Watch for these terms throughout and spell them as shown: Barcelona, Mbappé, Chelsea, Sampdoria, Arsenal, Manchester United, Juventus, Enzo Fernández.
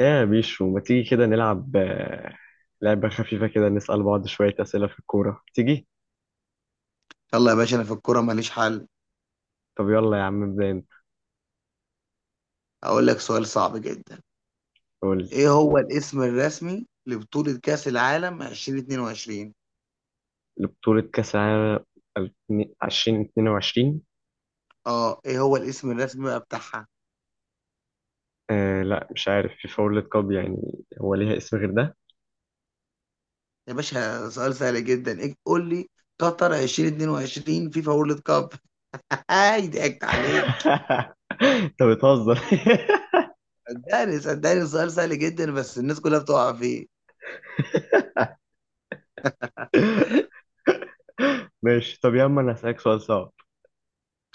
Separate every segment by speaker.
Speaker 1: ايه يا بيشو، ما تيجي كده نلعب لعبة خفيفة كده نسأل بعض شوية أسئلة في الكورة، تيجي؟
Speaker 2: يلا يا باشا، انا في الكوره ماليش حل.
Speaker 1: طب يلا يا عم ابدأ انت.
Speaker 2: اقول لك سؤال صعب جدا.
Speaker 1: قول
Speaker 2: ايه هو الاسم الرسمي لبطولة كأس العالم 2022؟
Speaker 1: لي بطولة كأس العالم 2022.
Speaker 2: اه، ايه هو الاسم الرسمي بقى بتاعها؟
Speaker 1: آه لا، مش عارف. فيفا وورلد كاب يعني. هو ليها اسم غير ده؟
Speaker 2: يا باشا سؤال سهل جدا، إيه؟ قول لي قطر 2022 فيفا وورلد كاب. هاي ضحكت عليك.
Speaker 1: انت بتهزر.
Speaker 2: صدقني صدقني سؤال سهل جدا بس الناس كلها بتقع فيه.
Speaker 1: ماشي. طب يا عم، انا هسألك سؤال صعب.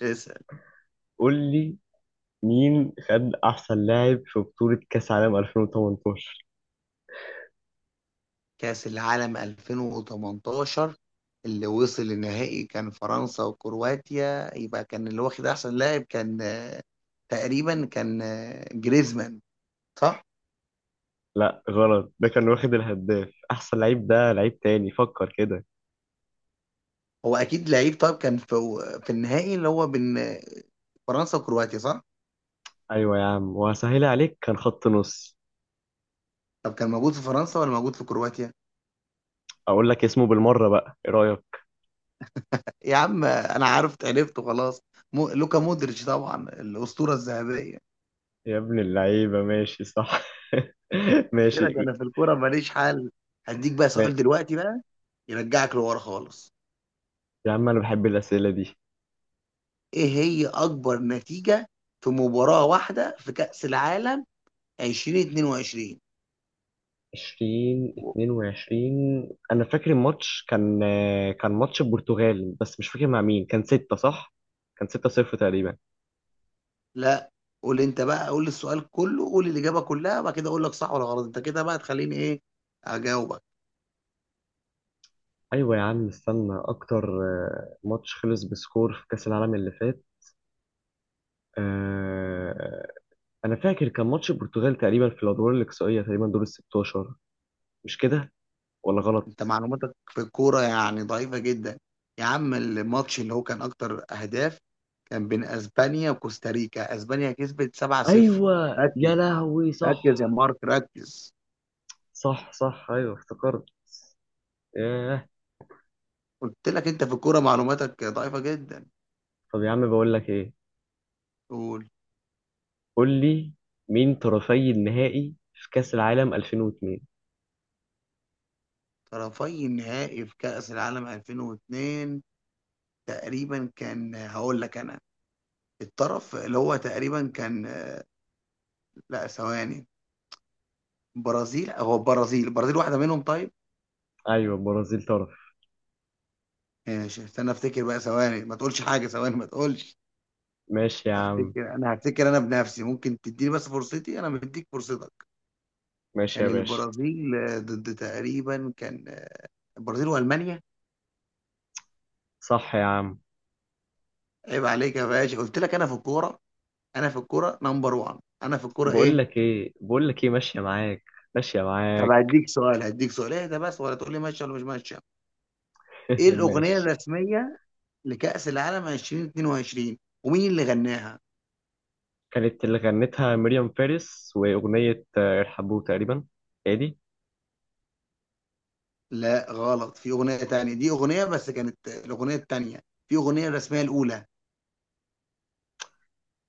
Speaker 2: اسأل.
Speaker 1: قول لي، مين خد أحسن لاعب في بطولة كأس العالم 2018؟
Speaker 2: كأس العالم 2018 اللي وصل النهائي كان فرنسا وكرواتيا، يبقى كان اللي واخد احسن لاعب كان تقريبا كان جريزمان، صح.
Speaker 1: لا غلط، ده كان واخد الهداف. احسن لعيب، ده لعيب تاني، فكر كده.
Speaker 2: هو اكيد لعيب. طب كان في في النهائي اللي هو بين فرنسا وكرواتيا، صح.
Speaker 1: ايوه يا عم، وهسهلها عليك، كان خط نص.
Speaker 2: طب كان موجود في فرنسا ولا موجود في كرواتيا؟
Speaker 1: اقول لك اسمه بالمره بقى، ايه رايك؟
Speaker 2: يا عم انا عرفت عرفته خلاص. مو لوكا مودريتش، طبعا الاسطوره الذهبيه.
Speaker 1: يا ابن اللعيبه، ماشي صح.
Speaker 2: قلت لك
Speaker 1: ماشي.
Speaker 2: انا في الكوره ماليش حل. هديك بقى
Speaker 1: ما...
Speaker 2: سؤال دلوقتي بقى يرجعك لورا خالص.
Speaker 1: يا عم انا بحب الاسئله دي.
Speaker 2: إيه هي أكبر نتيجة في مباراة واحدة في كأس العالم 2022؟ و-
Speaker 1: 2022، انا فاكر الماتش كان ماتش البرتغال بس مش فاكر مع مين. كان 6 صح؟ كان 6-0 تقريبا.
Speaker 2: لا قول أنت بقى، قول السؤال كله، قول الإجابة كلها، بعد كده أقول لك صح ولا غلط. أنت كده بقى تخليني إيه، أجاوبك؟
Speaker 1: ايوه يا عم، استنى اكتر. ماتش خلص بسكور في كاس العالم اللي فات. آه، انا فاكر كان ماتش البرتغال تقريبا، في الادوار الاقصائيه تقريبا، دور ال 16، مش كده ولا غلط؟
Speaker 2: أنت معلوماتك في الكورة يعني ضعيفة جدا. يا عم الماتش اللي هو كان أكتر أهداف كان بين أسبانيا وكوستاريكا، أسبانيا كسبت 7-0.
Speaker 1: ايوه
Speaker 2: ركز،
Speaker 1: يا لهوي، صح
Speaker 2: ركز يا مارك ركز.
Speaker 1: صح صح، ايوه افتكرت. ياه.
Speaker 2: قلت لك أنت في الكورة معلوماتك ضعيفة جدا.
Speaker 1: طب يا عم، بقول لك ايه،
Speaker 2: قول.
Speaker 1: قول لي، مين طرفي النهائي في كاس العالم 2002؟
Speaker 2: طرفي النهائي في كأس العالم 2002 تقريبا كان، هقول لك انا. الطرف اللي هو تقريبا كان لا ثواني. برازيل، هو البرازيل، البرازيل واحدة منهم، طيب.
Speaker 1: ايوه، البرازيل طرف.
Speaker 2: ماشي استنى افتكر بقى ثواني، ما تقولش حاجة، ثواني ما تقولش.
Speaker 1: ماشي يا عم.
Speaker 2: هفتكر انا، هفتكر انا بنفسي، ممكن تديني بس فرصتي، انا مديك فرصتك.
Speaker 1: ماشي
Speaker 2: كان
Speaker 1: يا باشا.
Speaker 2: البرازيل ضد تقريبا كان البرازيل والمانيا.
Speaker 1: صح يا عم.
Speaker 2: عيب عليك يا باشا، قلت لك انا في الكورة، انا في الكورة نمبر 1، انا في الكورة
Speaker 1: بقول
Speaker 2: ايه.
Speaker 1: لك ايه، بقول لك ايه، ماشيه معاك ماشيه
Speaker 2: طب
Speaker 1: معاك.
Speaker 2: هديك سؤال، هديك سؤال ايه ده بس، ولا تقول لي ماشيه ولا مش ماشيه. ايه الاغنيه
Speaker 1: ماشي.
Speaker 2: الرسميه لكأس العالم 2022 ومين اللي غناها؟
Speaker 1: كانت اللي غنتها مريم فارس، وأغنية إرحبوا تقريبا. ادي.
Speaker 2: لا غلط، في اغنيه تانية، دي اغنيه بس كانت الاغنيه التانية، في اغنيه الرسميه الاولى.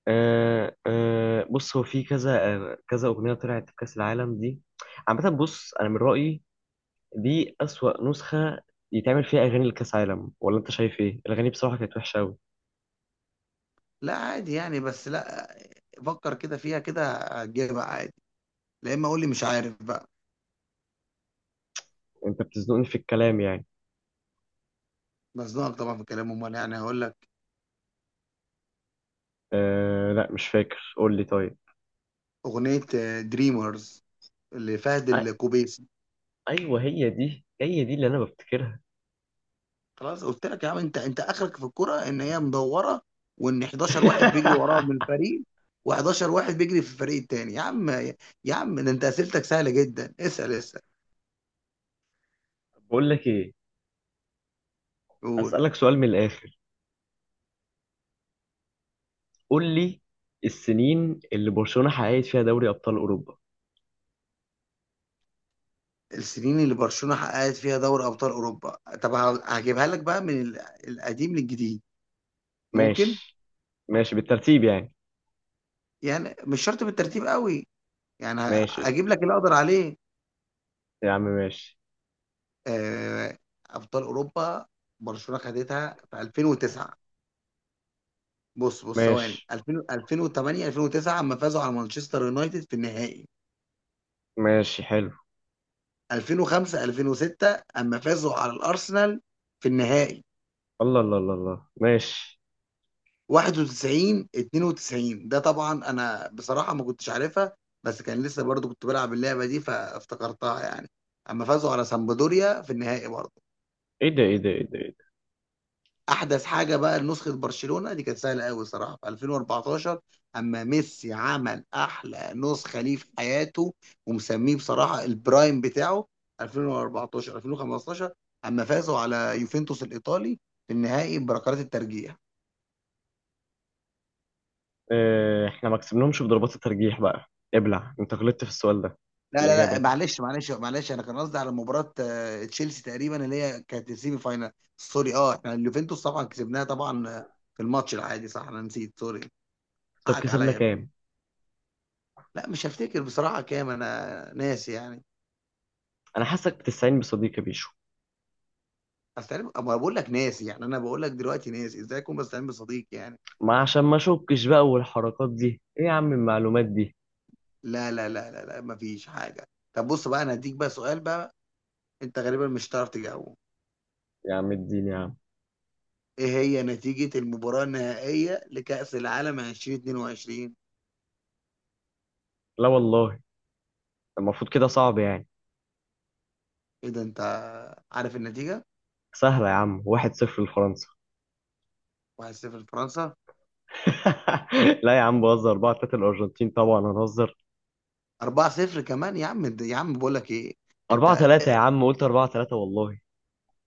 Speaker 1: آه آه، بص، هو في كذا كذا أغنية طلعت في كأس العالم دي. عامة بص، أنا من رأيي دي أسوأ نسخة يتعمل فيها أغاني لكأس عالم. ولا أنت شايف إيه؟ الأغاني بصراحة كانت وحشة أوي.
Speaker 2: لا عادي يعني، بس لا، فكر كده فيها كده هتجيبها عادي، لا اما اقول لي مش عارف بقى.
Speaker 1: أنت بتزنقني في الكلام يعني.
Speaker 2: مزنوق طبعا في كلامه، امال يعني هقول لك؟
Speaker 1: آه لا، مش فاكر، قول لي طيب.
Speaker 2: اغنيه دريمرز لفهد
Speaker 1: أ-
Speaker 2: الكوبي.
Speaker 1: أيوه، هي دي هي دي اللي أنا بفتكرها.
Speaker 2: خلاص قلت لك يا عم، انت انت اخرك في الكرة ان هي مدورة، وان 11 واحد بيجري وراها من الفريق، و11 واحد بيجري في الفريق التاني. يا عم، يا عم ده انت اسئلتك سهلة جدا، اسأل اسأل.
Speaker 1: بقول لك إيه،
Speaker 2: قول.
Speaker 1: أسألك سؤال من الآخر. قول لي، السنين اللي برشلونة حققت فيها دوري أبطال أوروبا.
Speaker 2: السنين اللي برشلونة حققت فيها دوري ابطال اوروبا. طب هجيبها لك بقى من القديم للجديد، ممكن؟
Speaker 1: ماشي، ماشي بالترتيب يعني.
Speaker 2: يعني مش شرط بالترتيب قوي، يعني
Speaker 1: ماشي
Speaker 2: هجيب لك اللي اقدر عليه.
Speaker 1: يا عم، ماشي،
Speaker 2: آه، ابطال اوروبا، برشلونة خدتها في 2009. بص بص ثواني،
Speaker 1: ماشي،
Speaker 2: 2000، 2008، 2009 اما فازوا على مانشستر يونايتد في النهائي.
Speaker 1: ماشي حلو.
Speaker 2: 2005، 2006 اما فازوا على الارسنال في النهائي.
Speaker 1: الله الله الله الله، ماشي.
Speaker 2: 91، 92 ده طبعا انا بصراحة ما كنتش عارفها، بس كان لسه برضو كنت بلعب اللعبة دي فافتكرتها يعني، اما فازوا على سامبدوريا في النهائي برضو.
Speaker 1: ايه ده، ايه ده، ايه ده، إيه ده؟
Speaker 2: احدث حاجه بقى، نسخه برشلونه دي كانت سهله قوي صراحه في 2014، اما ميسي عمل احلى نسخه ليه في حياته ومسميه بصراحه البرايم بتاعه. 2014، 2015 اما فازوا على يوفنتوس الايطالي في النهائي بركلات الترجيح.
Speaker 1: اه، احنا ما كسبناهمش بضربات الترجيح بقى. ابلع، انت غلطت في السؤال ده،
Speaker 2: لا
Speaker 1: في
Speaker 2: لا
Speaker 1: الإجابة
Speaker 2: لا،
Speaker 1: دي.
Speaker 2: معلش معلش معلش، انا كان قصدي على مباراه تشيلسي تقريبا اللي هي كانت السيمي فاينال. سوري، اه احنا اليوفنتوس طبعا كسبناها طبعا في الماتش العادي، صح، انا نسيت سوري.
Speaker 1: طب
Speaker 2: حقك
Speaker 1: كسبنا
Speaker 2: عليا.
Speaker 1: كام؟
Speaker 2: لا مش هفتكر بصراحة كام، أنا ناسي يعني.
Speaker 1: أنا حاسك بتستعين بصديقي بيشو.
Speaker 2: أستعين؟ أما بقول لك ناسي يعني، أنا بقول لك دلوقتي ناسي، إزاي أكون بستعين بصديق يعني؟
Speaker 1: ما عشان ما أشكش بقى، والحركات دي ايه يا عم، المعلومات دي
Speaker 2: لا لا لا لا لا، مفيش حاجة. طب بص بقى، أنا هديك بقى سؤال بقى أنت غالبا مش هتعرف تجاوبه.
Speaker 1: يا عم الدين يا عم.
Speaker 2: إيه هي نتيجة المباراة النهائية لكأس العالم 2022؟
Speaker 1: لا والله، المفروض كده صعب يعني.
Speaker 2: إيه ده أنت عارف النتيجة؟
Speaker 1: سهلة يا عم، واحد صفر لفرنسا.
Speaker 2: 1-0 لفرنسا؟
Speaker 1: لا يا عم بهزر، 4-3 الارجنتين طبعا، هنهزر
Speaker 2: 4-0 كمان يا عم. يا عم بقول لك إيه،
Speaker 1: 4
Speaker 2: أنت
Speaker 1: 3 يا عم، قلت 4-3 والله.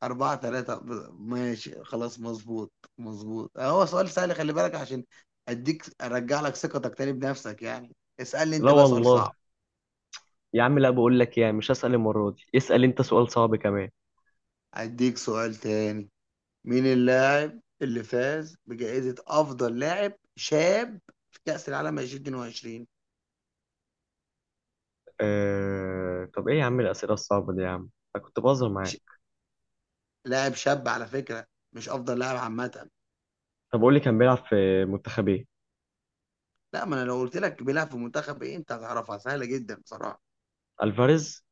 Speaker 2: أربعة تلاتة. ماشي خلاص مظبوط، مظبوط. هو سؤال سهل، خلي بالك، عشان أديك أرجع لك ثقتك تاني بنفسك، يعني اسألني
Speaker 1: لا
Speaker 2: أنت بقى سؤال
Speaker 1: والله
Speaker 2: صعب.
Speaker 1: يا عم، لا، بقول لك يعني مش هسأل المرة دي. اسأل انت سؤال صعب كمان.
Speaker 2: أديك سؤال تاني. مين اللاعب اللي فاز بجائزة أفضل لاعب شاب في كأس العالم 2022؟
Speaker 1: طب ايه يا عم الأسئلة الصعبة دي يا عم؟ انا كنت بهزر
Speaker 2: ش...
Speaker 1: معاك.
Speaker 2: لاعب شاب على فكرة، مش أفضل لاعب عامة.
Speaker 1: طب قول لي، كان بيلعب في منتخب ايه؟
Speaker 2: لا ما أنا لو قلت لك بيلعب في منتخب إيه أنت هتعرفها سهلة جدا بصراحة.
Speaker 1: الفاريز.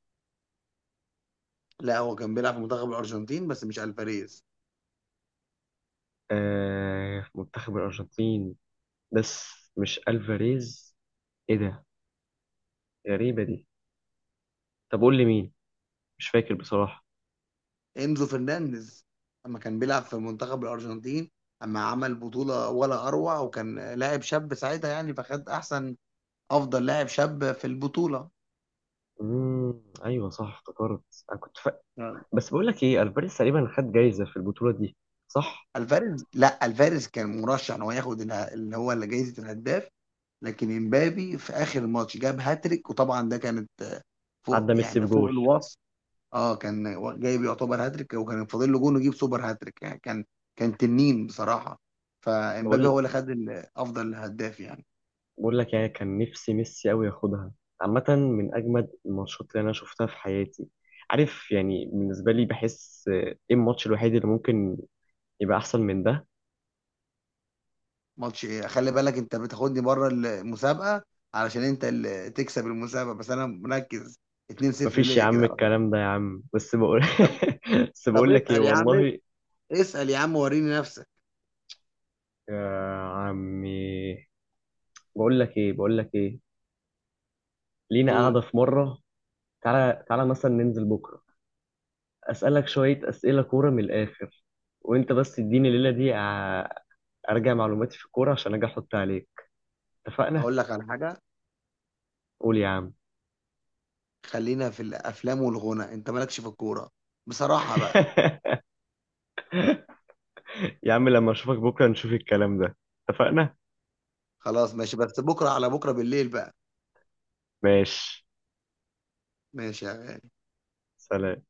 Speaker 2: لا هو كان بيلعب في منتخب الأرجنتين بس مش ألفاريز.
Speaker 1: في منتخب الارجنتين بس مش الفاريز؟ ايه ده، غريبة دي. طب قول لي مين، مش فاكر بصراحة.
Speaker 2: انزو فرنانديز، لما كان بيلعب في منتخب الارجنتين اما عمل بطوله ولا اروع، وكان لاعب شاب ساعتها يعني فخد احسن افضل لاعب شاب في البطوله.
Speaker 1: ايوه صح افتكرت. انا كنت،
Speaker 2: نعم.
Speaker 1: بس بقول لك ايه، الفاريز تقريبا خد جايزه في البطوله دي صح؟
Speaker 2: الفاريز، لا الفاريز كان مرشح ان هو ياخد اللي هو اللي جايزه الهداف، لكن امبابي في اخر الماتش جاب هاتريك وطبعا ده كانت فوق
Speaker 1: عدى ميسي
Speaker 2: يعني فوق
Speaker 1: بجول.
Speaker 2: الوصف. اه كان جايب يعتبر هاتريك، وكان فاضل له جون ويجيب سوبر هاتريك يعني، كان كان تنين بصراحه. فامبابي
Speaker 1: بقول
Speaker 2: هو اللي خد افضل هداف يعني.
Speaker 1: بقول لك يعني كان نفسي ميسي قوي ياخدها. عامه، من اجمد الماتشات اللي انا شفتها في حياتي. عارف يعني، بالنسبه لي بحس ايه الماتش الوحيد اللي ممكن يبقى احسن من ده.
Speaker 2: ماتش ايه؟ خلي بالك انت بتاخدني بره المسابقه علشان انت اللي تكسب المسابقه، بس انا مركز. 2-0
Speaker 1: مفيش يا
Speaker 2: ليا كده
Speaker 1: عم
Speaker 2: على فكره.
Speaker 1: الكلام ده يا عم، بس بقول.
Speaker 2: طب،
Speaker 1: بس
Speaker 2: طب
Speaker 1: بقول لك ايه
Speaker 2: اسال يا عم،
Speaker 1: والله.
Speaker 2: اسال يا عم وريني نفسك.
Speaker 1: يا عمي، بقول لك ايه، بقول لك ايه، لينا قاعده
Speaker 2: قول.
Speaker 1: في مره، تعالى تعالى مثلا ننزل بكره، أسألك شوية أسئلة كورة من الآخر، وأنت بس تديني الليلة دي أرجع معلوماتي في الكورة عشان أجي أحط عليك. اتفقنا؟
Speaker 2: اقول لك على حاجه،
Speaker 1: قول يا عم.
Speaker 2: خلينا في الافلام والغنى، انت مالكش في الكوره بصراحه بقى.
Speaker 1: يا عم لما أشوفك بكرة نشوف الكلام ده. اتفقنا؟
Speaker 2: خلاص ماشي، بس بكره على بكره بالليل بقى.
Speaker 1: ماشي.
Speaker 2: ماشي يا غالي.
Speaker 1: سلام.